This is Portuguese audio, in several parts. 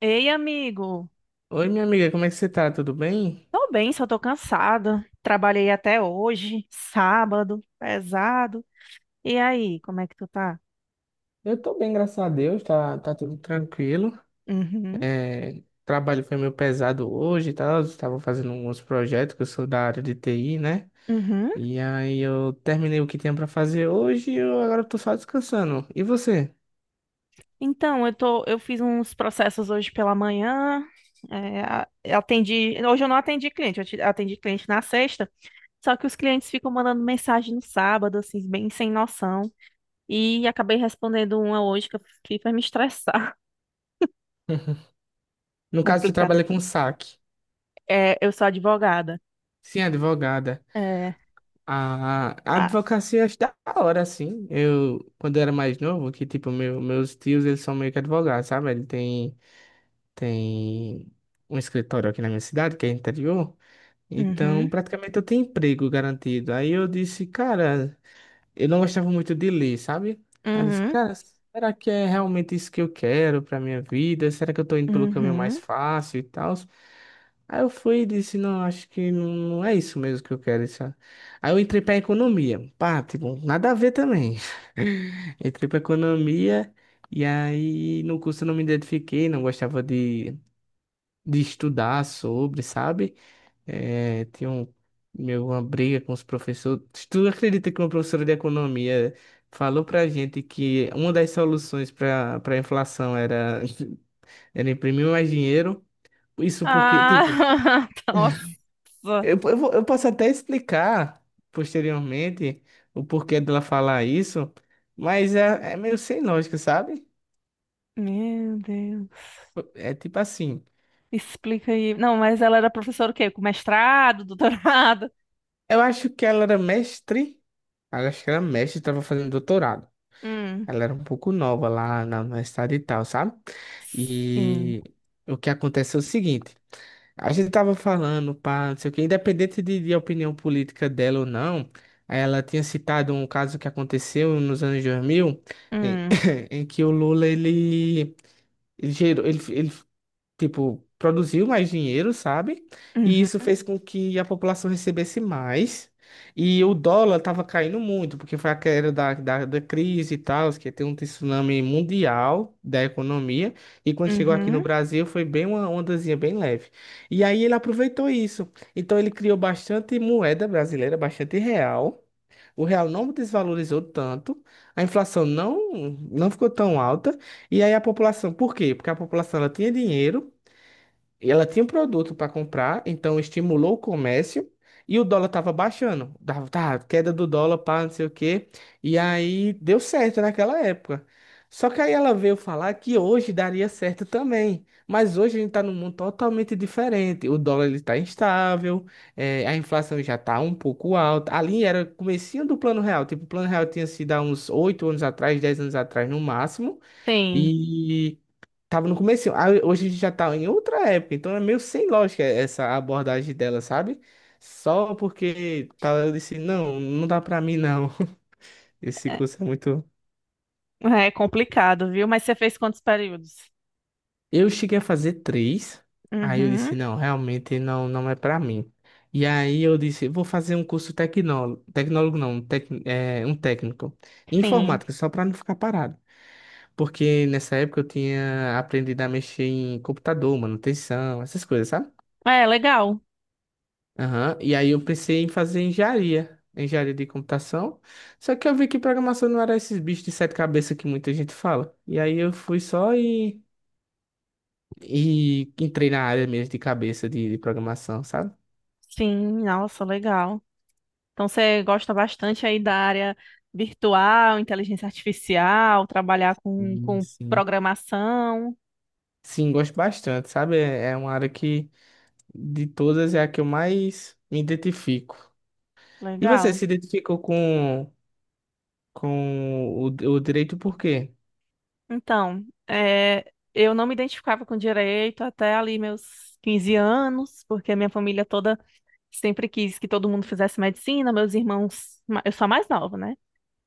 Ei, amigo. Oi, minha amiga, como é que você tá? Tudo bem? Tô bem, só tô cansada. Trabalhei até hoje, sábado, pesado. E aí, como é que tu tá? Eu tô bem, graças a Deus, tá, tudo tranquilo. Uhum, É, o trabalho foi meio pesado hoje e tal, eu estava fazendo uns projetos, que eu sou da área de TI, né? uhum. E aí eu terminei o que tinha pra fazer hoje e eu agora tô só descansando. E você? Então, eu fiz uns processos hoje pela manhã. Hoje eu não atendi cliente, atendi cliente na sexta. Só que os clientes ficam mandando mensagem no sábado, assim, bem sem noção. E acabei respondendo uma hoje que eu fiquei pra me estressar. No caso, você Complicado. trabalha com saque. É, eu sou advogada. Sim, advogada. É. A Ah, advocacia eu acho da hora, assim. Eu, quando eu era mais novo, que tipo, meus tios, eles são meio que advogados, sabe? Ele tem tem um escritório aqui na minha cidade, que é interior, então uhum, praticamente eu tenho emprego garantido. Aí eu disse, cara, eu não gostava muito de ler, sabe? Aí eu disse, uhum. cara, será que é realmente isso que eu quero pra minha vida? Será que eu tô indo pelo caminho mais Uhum. fácil e tal? Aí eu fui e disse, não, acho que não, não é isso mesmo que eu quero. Isso. Aí eu entrei pra economia. Pá, tipo, nada a ver também. Entrei pra economia e aí no curso eu não me identifiquei, não gostava de estudar sobre, sabe? É, tinha um, meu, uma briga com os professores. Tu acredita que uma professora de economia falou pra gente que uma das soluções para a inflação era, era imprimir mais dinheiro? Isso porque, tipo, Ah, nossa. Eu posso até explicar posteriormente o porquê dela falar isso, mas é meio sem lógica, sabe? Meu Deus. É tipo assim, Explica aí. Não, mas ela era professora o quê? Com mestrado, doutorado? eu acho que ela era mestre, eu acho que ela era mestre, estava fazendo doutorado. Hum. Ela era um pouco nova lá na universidade e tal, sabe? Sim. E o que acontece é o seguinte. A gente tava falando, pá, não sei o quê, independente de opinião política dela ou não, ela tinha citado um caso que aconteceu nos anos 2000 em, Hum. em que o Lula, ele gerou, ele tipo, produziu mais dinheiro, sabe? E isso Uhum. fez com que a população recebesse mais. E o dólar estava caindo muito, porque foi a queda da crise e tal, que tem um tsunami mundial da economia. E quando chegou aqui no Uhum. Brasil, foi bem uma ondazinha bem leve. E aí ele aproveitou isso. Então ele criou bastante moeda brasileira, bastante real. O real não desvalorizou tanto, a inflação não, não ficou tão alta, e aí a população, por quê? Porque a população ela tinha dinheiro, ela tinha um produto para comprar, então estimulou o comércio e o dólar estava baixando. Dava, tá, queda do dólar, pá, não sei o quê. E aí deu certo naquela época. Só que aí ela veio falar que hoje daria certo também. Mas hoje a gente está num mundo totalmente diferente. O dólar ele está instável, a inflação já está um pouco alta. Ali era o comecinho do Plano Real. Tipo, o Plano Real tinha sido há uns 8 anos atrás, 10 anos atrás no máximo. Sim. E tava no começo. Hoje a gente já tá em outra época, então é meio sem lógica essa abordagem dela, sabe? Só porque tá, eu disse, não, não dá pra mim não. Esse curso é muito. É, é complicado, viu? Mas você fez quantos períodos? Eu cheguei a fazer três, aí eu disse, Uhum. não, realmente não, não é pra mim. E aí eu disse, vou fazer um curso tecnólogo, tecnólogo não, um técnico, em Sim. informática, só pra não ficar parado. Porque nessa época eu tinha aprendido a mexer em computador, manutenção, essas coisas, sabe? É, legal. Aham. E aí eu pensei em fazer engenharia, engenharia de computação. Só que eu vi que programação não era esses bichos de 7 cabeças que muita gente fala. E aí eu fui só e entrei na área mesmo de cabeça de programação, sabe? Sim, nossa, legal. Então você gosta bastante aí da área virtual, inteligência artificial, trabalhar com, Hum. com Sim. programação. Sim, gosto bastante, sabe? É uma área que de todas é a que eu mais me identifico. E você Legal. se identificou com o direito por quê? Então, eu não me identificava com direito até ali meus 15 anos, porque a minha família toda sempre quis que todo mundo fizesse medicina. Meus irmãos, eu sou a mais nova, né?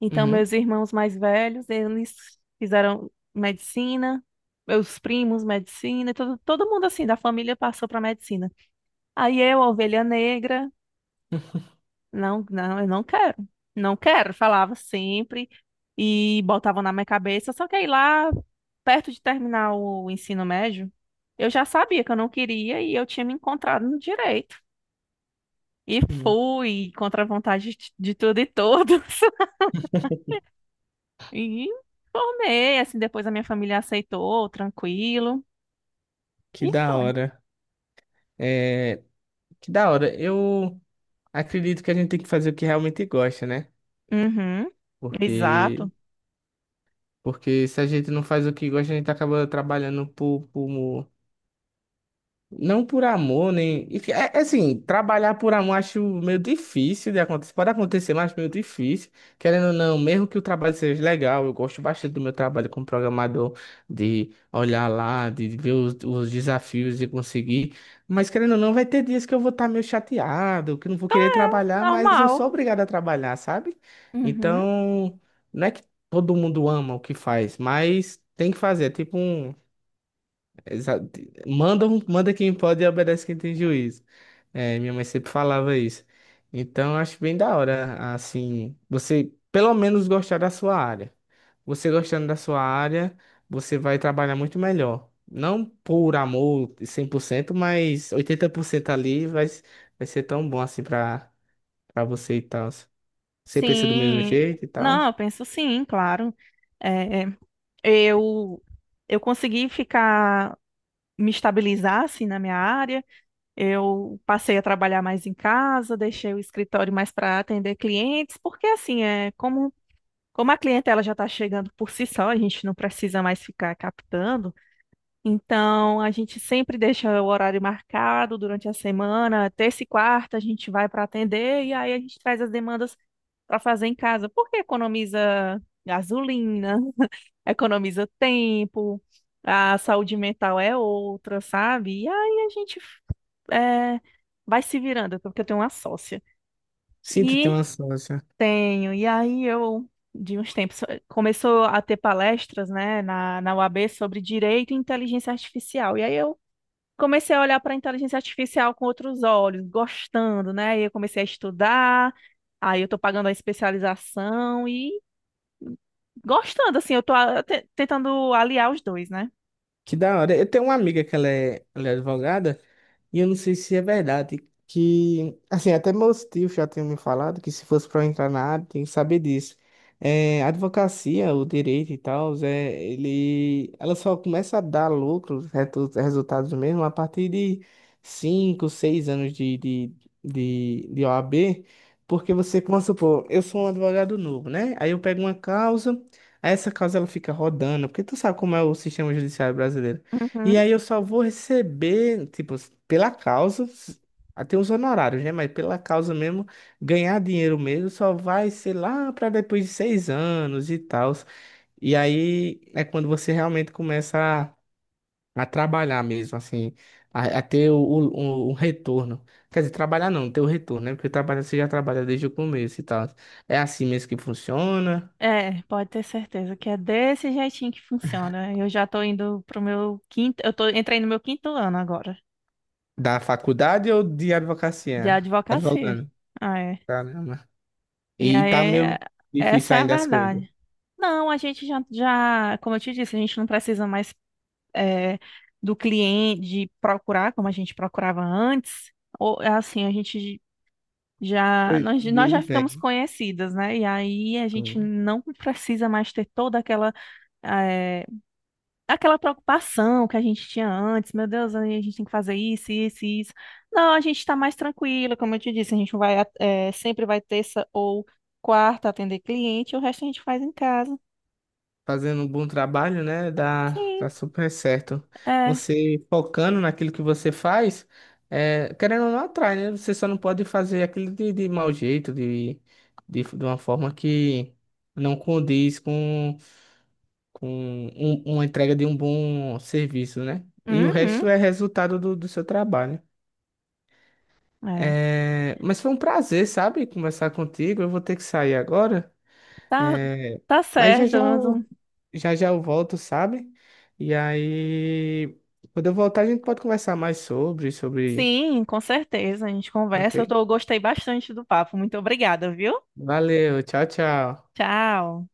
Então, Uhum. meus irmãos mais velhos, eles fizeram medicina, meus primos, medicina, e todo mundo assim da família passou para medicina. Aí eu, a ovelha negra, não, não, eu não quero. Não quero, falava sempre e botavam na minha cabeça. Só que aí lá, perto de terminar o ensino médio, eu já sabia que eu não queria e eu tinha me encontrado no direito. E fui contra a vontade de tudo e todos. E formei, assim, depois a minha família aceitou, tranquilo. Que E da foi. hora. É, que da hora. Eu acredito que a gente tem que fazer o que realmente gosta, né? Uhum, Porque, exato. porque se a gente não faz o que gosta, a gente acaba trabalhando não por amor, nem. É, é assim, trabalhar por amor acho meio difícil de acontecer. Pode acontecer, mas meio difícil. Querendo ou não, mesmo que o trabalho seja legal, eu gosto bastante do meu trabalho como programador, de olhar lá, de ver os desafios de conseguir. Mas querendo ou não, vai ter dias que eu vou estar meio chateado, que eu não vou querer trabalhar, mas eu sou Normal. obrigado a trabalhar, sabe? Uhum. Então, não é que todo mundo ama o que faz, mas tem que fazer. É tipo um exato. Manda quem pode e obedece quem tem juízo. É, minha mãe sempre falava isso. Então, eu acho bem da hora, assim, você pelo menos gostar da sua área. Você gostando da sua área, você vai trabalhar muito melhor. Não por amor 100%, mas 80% ali vai, vai ser tão bom assim pra, pra você e tal. Você pensa do mesmo Sim. jeito e tal. Não, eu penso sim, claro. É, Eu, eu consegui ficar, me estabilizar assim na minha área. Eu passei a trabalhar mais em casa, deixei o escritório mais para atender clientes, porque assim, é como a clientela já está chegando por si só, a gente não precisa mais ficar captando. Então, a gente sempre deixa o horário marcado durante a semana, terça e quarta a gente vai para atender e aí a gente traz as demandas para fazer em casa, porque economiza gasolina, economiza tempo, a saúde mental é outra, sabe? E aí a gente é, vai se virando, porque eu tenho uma sócia. Sinto ter E uma sócia. tenho, e aí eu, de uns tempos, começou a ter palestras, né, na UAB sobre direito e inteligência artificial. E aí eu comecei a olhar para a inteligência artificial com outros olhos, gostando, né? E eu comecei a estudar, aí eu estou pagando a especialização e gostando, assim, eu estou tentando aliar os dois, né? Que da hora. Eu tenho uma amiga que ela é advogada. E eu não sei se é verdade que, assim, até meus tios já tinham me falado que se fosse para entrar na área, tem que saber disso. É, a advocacia, o direito e tal, é, ele, ela só começa a dar lucro, resultados mesmo, a partir de 5 6 anos de OAB, porque você, vamos supor, eu sou um advogado novo, né? Aí eu pego uma causa, aí essa causa ela fica rodando, porque tu sabe como é o sistema judiciário brasileiro. E Uhum. aí eu só vou receber, tipo, pela causa, s- até os honorários, né? Mas pela causa mesmo, ganhar dinheiro mesmo só vai ser lá para depois de 6 anos e tal. E aí é quando você realmente começa a trabalhar mesmo, assim, a ter o retorno. Quer dizer, trabalhar não, ter o retorno, né? Porque trabalhar você já trabalha desde o começo e tal. É assim mesmo que funciona? É, pode ter certeza que é desse jeitinho que funciona. Eu já tô indo pro meu quinto, entrei no meu quinto ano agora, Da faculdade ou de de advocacia? advocacia. Advogando. Ah, é. Tá, né? E E aí, tá meio difícil essa é a ainda as coisas. verdade. Não, a gente já, como eu te disse, a gente não precisa mais é, do cliente, de procurar como a gente procurava antes. Ou, é assim, a gente já, Hoje nós, em dia nós já eles ficamos vêm. conhecidas, né? E aí a gente Sim. não precisa mais ter toda é, aquela preocupação que a gente tinha antes, meu Deus, a gente tem que fazer isso, isso, isso. Não, a gente está mais tranquila, como eu te disse, a gente sempre vai terça ou quarta atender cliente, e o resto a gente faz em casa. Fazendo um bom trabalho, né? Dá, Sim, dá super certo. é. Você focando naquilo que você faz, é, querendo ou não atrai, né? Você só não pode fazer aquilo de mau jeito, de uma forma que não condiz com uma entrega de um bom serviço, né? E o Uhum, resto é resultado do seu trabalho. é. É, mas foi um prazer, sabe, conversar contigo. Eu vou ter que sair agora. Tá, É, tá mas certo. Já já eu volto, sabe? E aí, quando eu voltar, a gente pode conversar mais sobre, sobre. Sim, com certeza, a gente Ok? conversa. Eu gostei bastante do papo. Muito obrigada, viu? Valeu, tchau, tchau. Tchau.